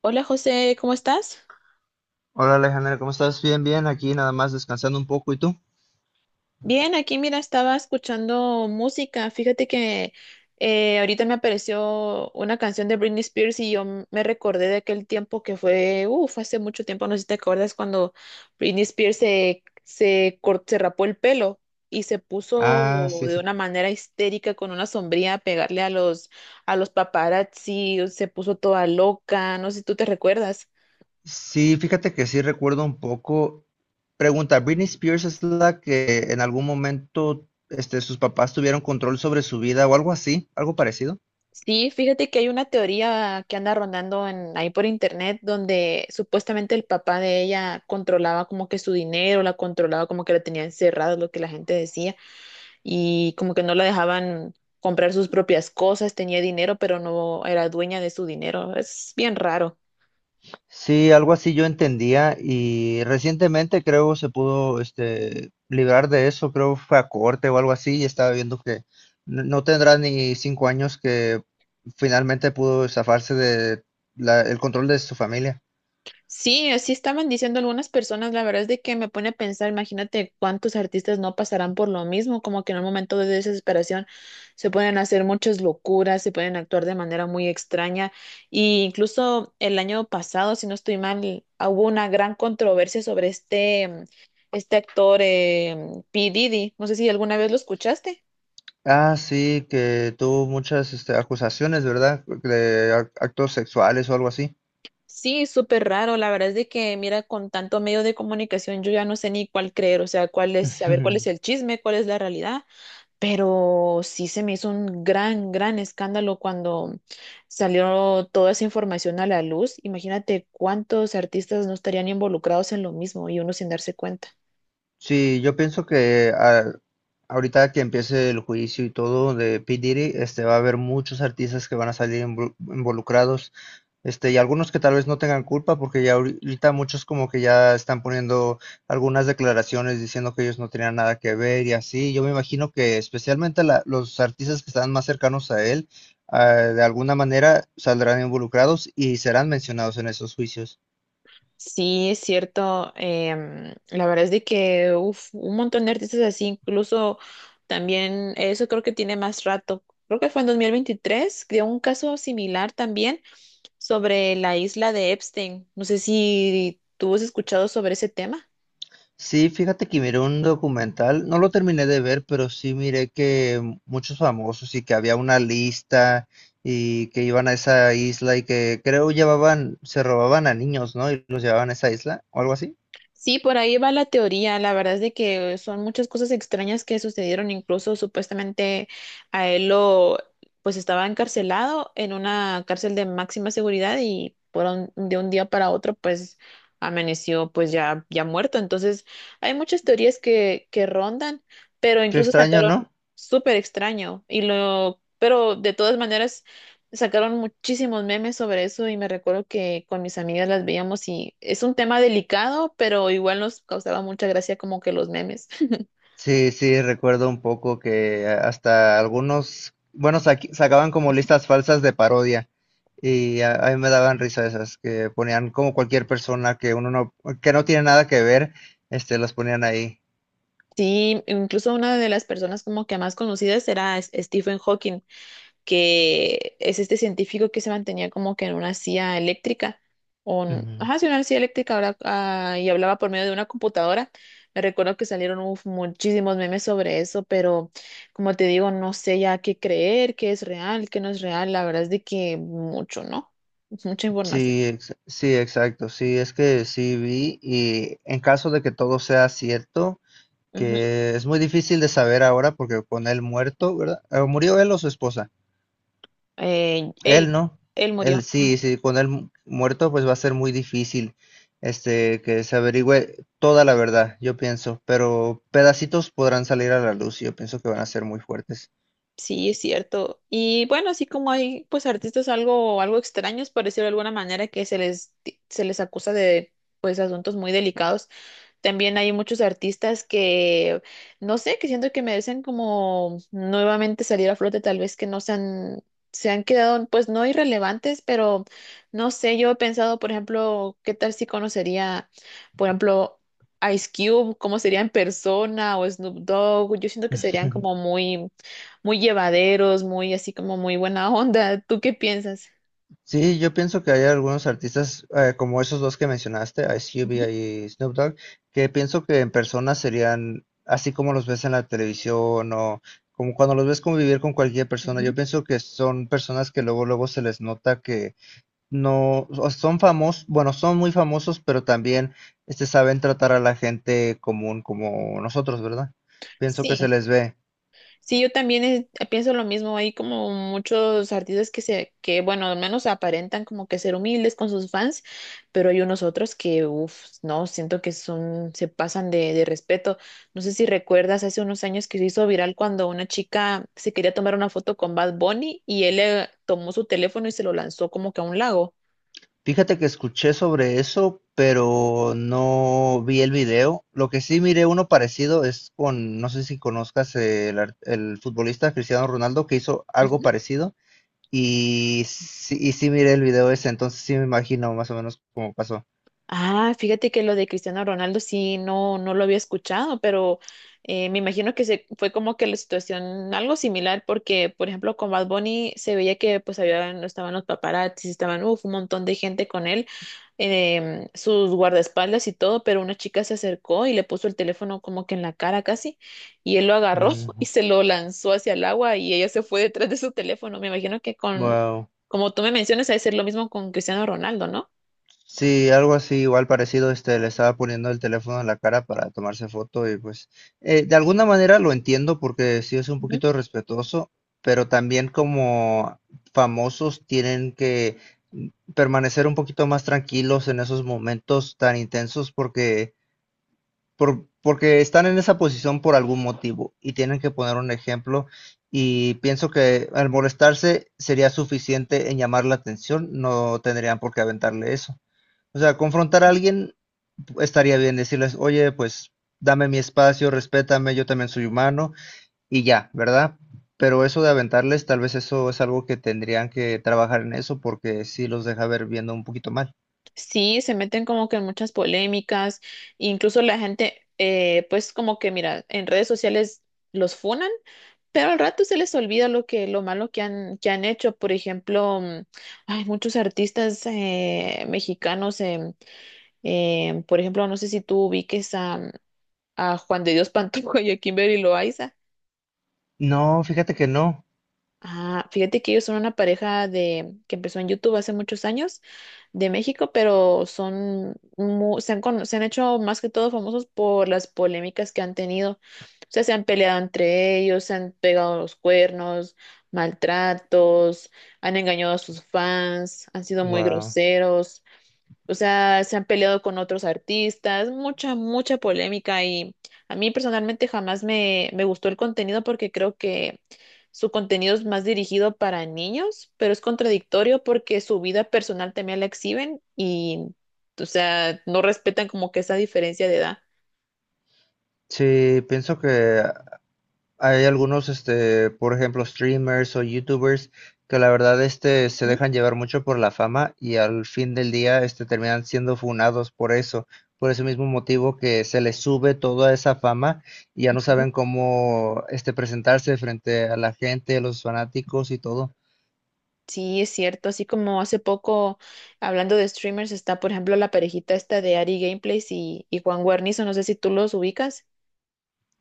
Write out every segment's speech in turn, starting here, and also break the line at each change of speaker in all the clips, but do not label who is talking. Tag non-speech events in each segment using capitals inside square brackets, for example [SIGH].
Hola José, ¿cómo estás?
Hola Alejandra, ¿cómo estás? Bien, aquí nada más descansando un poco. ¿Y tú?
Bien, aquí mira, estaba escuchando música. Fíjate que ahorita me apareció una canción de Britney Spears y yo me recordé de aquel tiempo que fue, uff, hace mucho tiempo, no sé si te acuerdas cuando Britney Spears se rapó el pelo y se puso
Ah, sí,
de
sí.
una manera histérica con una sombrilla a pegarle a los paparazzi, se puso toda loca, no sé si tú te recuerdas.
Sí, fíjate que sí recuerdo un poco. Pregunta, ¿Britney Spears es la que en algún momento sus papás tuvieron control sobre su vida o algo así? ¿Algo parecido?
Sí, fíjate que hay una teoría que anda rondando en, ahí por internet, donde supuestamente el papá de ella controlaba como que su dinero, la controlaba como que la tenía encerrada, es lo que la gente decía, y como que no la dejaban comprar sus propias cosas, tenía dinero, pero no era dueña de su dinero. Es bien raro.
Sí, algo así yo entendía y recientemente creo se pudo librar de eso, creo fue a corte o algo así y estaba viendo que no tendrá ni 5 años que finalmente pudo zafarse de el control de su familia.
Sí, así estaban diciendo algunas personas. La verdad es de que me pone a pensar, imagínate cuántos artistas no pasarán por lo mismo, como que en un momento de desesperación se pueden hacer muchas locuras, se pueden actuar de manera muy extraña, y incluso el año pasado, si no estoy mal, hubo una gran controversia sobre este actor, P. Diddy, no sé si alguna vez lo escuchaste.
Ah, sí, que tuvo muchas acusaciones, ¿verdad? De actos sexuales o algo así.
Sí, súper raro. La verdad es de que mira, con tanto medio de comunicación yo ya no sé ni cuál creer, o sea, cuál es, saber cuál es el
[LAUGHS]
chisme, cuál es la realidad. Pero sí se me hizo un gran, gran escándalo cuando salió toda esa información a la luz. Imagínate cuántos artistas no estarían involucrados en lo mismo y uno sin darse cuenta.
Sí, yo pienso que ahorita que empiece el juicio y todo de P. Diddy, va a haber muchos artistas que van a salir involucrados, y algunos que tal vez no tengan culpa, porque ya ahorita muchos como que ya están poniendo algunas declaraciones diciendo que ellos no tenían nada que ver y así. Yo me imagino que especialmente los artistas que están más cercanos a él, ah, de alguna manera saldrán involucrados y serán mencionados en esos juicios.
Sí, es cierto. La verdad es de que uf, un montón de artistas así. Incluso también eso creo que tiene más rato. Creo que fue en 2023, de un caso similar también, sobre la isla de Epstein. No sé si tú has escuchado sobre ese tema.
Sí, fíjate que miré un documental, no lo terminé de ver, pero sí miré que muchos famosos y que había una lista y que iban a esa isla y que creo llevaban, se robaban a niños, ¿no? Y los llevaban a esa isla o algo así.
Sí, por ahí va la teoría. La verdad es de que son muchas cosas extrañas que sucedieron. Incluso supuestamente a él lo, pues estaba encarcelado en una cárcel de máxima seguridad, y por de un día para otro, pues amaneció, pues ya, ya muerto. Entonces, hay muchas teorías que rondan, pero
Qué
incluso
extraño,
sacaron
¿no?
súper extraño y lo, pero de todas maneras. Sacaron muchísimos memes sobre eso, y me recuerdo que con mis amigas las veíamos, y es un tema delicado, pero igual nos causaba mucha gracia como que los memes. [LAUGHS]
Sí, sí, recuerdo un poco que hasta algunos, bueno, sacaban como listas falsas de parodia y a mí me daban risa esas, que ponían como cualquier persona que uno no, que no tiene nada que ver, las ponían ahí.
Sí, incluso una de las personas como que más conocidas era Stephen Hawking, que es este científico que se mantenía como que en una silla eléctrica, o
Ujú.
ajá, sí, una silla eléctrica, y hablaba por medio de una computadora. Me recuerdo que salieron uf, muchísimos memes sobre eso, pero como te digo, no sé ya qué creer, qué es real, qué no es real. La verdad es de que mucho, ¿no? Es mucha información.
Sí, sí, exacto. Sí, es que sí vi y en caso de que todo sea cierto,
Ujú.
que es muy difícil de saber ahora porque con él muerto, ¿verdad? ¿Murió él o su esposa?
Él,
Él no.
él
Él
murió.
sí, sí, con él muerto pues va a ser muy difícil este que se averigüe toda la verdad, yo pienso, pero pedacitos podrán salir a la luz y yo pienso que van a ser muy fuertes.
Sí, es cierto. Y bueno, así como hay pues artistas algo, algo extraños, por decirlo de alguna manera, que se les acusa de pues asuntos muy delicados. También hay muchos artistas que, no sé, que siento que merecen como nuevamente salir a flote, tal vez que no se han, se han quedado, pues no irrelevantes, pero no sé, yo he pensado, por ejemplo, qué tal si conocería, por ejemplo, Ice Cube, cómo sería en persona, o Snoop Dogg. Yo siento que serían como
[LAUGHS]
muy, muy llevaderos, muy así como muy buena onda. ¿Tú qué piensas?
Sí, yo pienso que hay algunos artistas como esos dos que mencionaste, Ice
Ujú,
Cube y Snoop Dogg, que pienso que en persona serían así como los ves en la televisión o como cuando los ves convivir con cualquier persona.
ujú.
Yo pienso que son personas que luego luego se les nota que no o son famosos, bueno, son muy famosos, pero también este saben tratar a la gente común como nosotros, ¿verdad? Pienso que se
Sí,
les ve.
sí, yo también, pienso lo mismo. Hay como muchos artistas que que bueno, al menos aparentan como que ser humildes con sus fans, pero hay unos otros que, uff, no, siento que son, se pasan de, respeto. No sé si recuerdas hace unos años que se hizo viral cuando una chica se quería tomar una foto con Bad Bunny, y él le tomó su teléfono y se lo lanzó como que a un lago.
Fíjate que escuché sobre eso, pero no vi el video. Lo que sí miré uno parecido es con, no sé si conozcas el, el futbolista Cristiano Ronaldo que hizo algo parecido y sí miré el video ese, entonces sí me imagino más o menos cómo pasó.
Ah, fíjate que lo de Cristiano Ronaldo sí, no, no lo había escuchado, pero me imagino que fue como que la situación algo similar, porque por ejemplo con Bad Bunny se veía que pues había, estaban los paparazzis, estaban uf, un montón de gente con él, sus guardaespaldas y todo, pero una chica se acercó y le puso el teléfono como que en la cara casi, y él lo agarró [LAUGHS] y
Mm,
se lo lanzó hacia el agua, y ella se fue detrás de su teléfono. Me imagino que con,
wow.
como tú me mencionas, ha de ser lo mismo con Cristiano Ronaldo, ¿no?
Sí, algo así, igual parecido, le estaba poniendo el teléfono en la cara para tomarse foto y pues de alguna manera lo entiendo porque sí es un poquito respetuoso, pero también como famosos tienen que mm, permanecer un poquito más tranquilos en esos momentos tan intensos porque, porque están en esa posición por algún motivo y tienen que poner un ejemplo y pienso que al molestarse sería suficiente en llamar la atención, no tendrían por qué aventarle eso. O sea, confrontar a alguien estaría bien, decirles, oye, pues dame mi espacio, respétame, yo también soy humano y ya, ¿verdad? Pero eso de aventarles, tal vez eso es algo que tendrían que trabajar en eso porque sí los deja ver viendo un poquito mal.
Sí, se meten como que en muchas polémicas. Incluso la gente, pues como que mira, en redes sociales los funan, pero al rato se les olvida lo que, lo malo que han hecho. Por ejemplo, hay muchos artistas, mexicanos, por ejemplo, no sé si tú ubiques a Juan de Dios Pantoja y a Kimberly Loaiza.
No, fíjate que no.
Ah, fíjate que ellos son una pareja de que empezó en YouTube hace muchos años, de México, pero son se han hecho más que todo famosos por las polémicas que han tenido. O sea, se han peleado entre ellos, se han pegado los cuernos, maltratos, han engañado a sus fans, han sido muy
Wow.
groseros. O sea, se han peleado con otros artistas, mucha polémica, y a mí personalmente jamás me gustó el contenido, porque creo que su contenido es más dirigido para niños, pero es contradictorio porque su vida personal también la exhiben y, o sea, no respetan como que esa diferencia de edad.
Sí, pienso que hay algunos, por ejemplo, streamers o youtubers que la verdad, se
Ujú,
dejan llevar mucho por la fama y al fin del día, terminan siendo funados por eso, por ese mismo motivo que se les sube toda esa fama y ya no
ujú.
saben cómo, presentarse frente a la gente, a los fanáticos y todo.
Sí, es cierto. Así como hace poco, hablando de streamers, está, por ejemplo, la parejita esta de Ari Gameplays y Juan Guarnizo, no sé si tú los ubicas.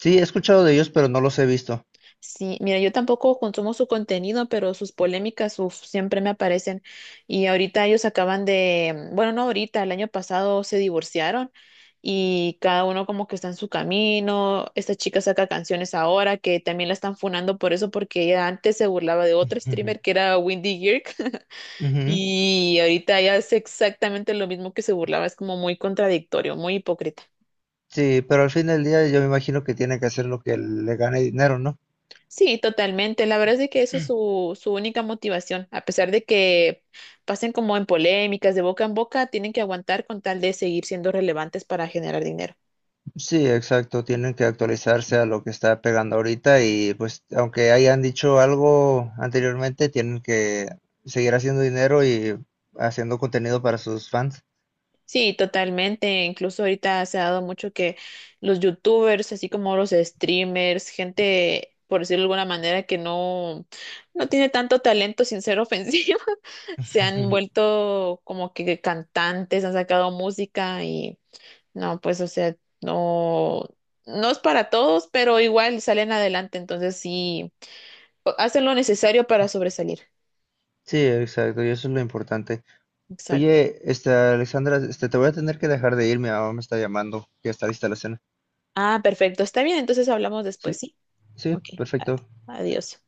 Sí, he escuchado de ellos, pero no los he visto.
Sí, mira, yo tampoco consumo su contenido, pero sus polémicas, uf, siempre me aparecen. Y ahorita ellos acaban de, bueno, no ahorita, el año pasado se divorciaron, y cada uno como que está en su camino. Esta chica saca canciones ahora, que también la están funando por eso, porque ella antes se burlaba de otro
[LAUGHS] Ujú,
streamer que era Windy Girk [LAUGHS]
ujú.
y ahorita ella hace exactamente lo mismo que se burlaba. Es como muy contradictorio, muy hipócrita.
Sí, pero al fin del día yo me imagino que tiene que hacer lo que le gane dinero, ¿no?
Sí, totalmente. La verdad es que eso es su única motivación. A pesar de que pasen como en polémicas de boca en boca, tienen que aguantar con tal de seguir siendo relevantes para generar dinero.
Sí, exacto, tienen que actualizarse a lo que está pegando ahorita y pues aunque hayan dicho algo anteriormente, tienen que seguir haciendo dinero y haciendo contenido para sus fans.
Sí, totalmente. Incluso ahorita se ha dado mucho que los youtubers, así como los streamers, gente, por decirlo de alguna manera, que no tiene tanto talento, sin ser ofensiva, [LAUGHS] se han
[LAUGHS]
vuelto como que cantantes, han sacado música. No, pues, o sea, no es para todos, pero igual salen adelante, entonces sí, hacen lo necesario para sobresalir.
Sí, exacto, y eso es lo importante.
Exacto.
Oye, Alexandra, te voy a tener que dejar de ir, mi mamá me está llamando, que está lista la cena.
Ah, perfecto, está bien, entonces hablamos después,
Sí,
¿sí?
sí,
Ok, a-
perfecto.
adiós.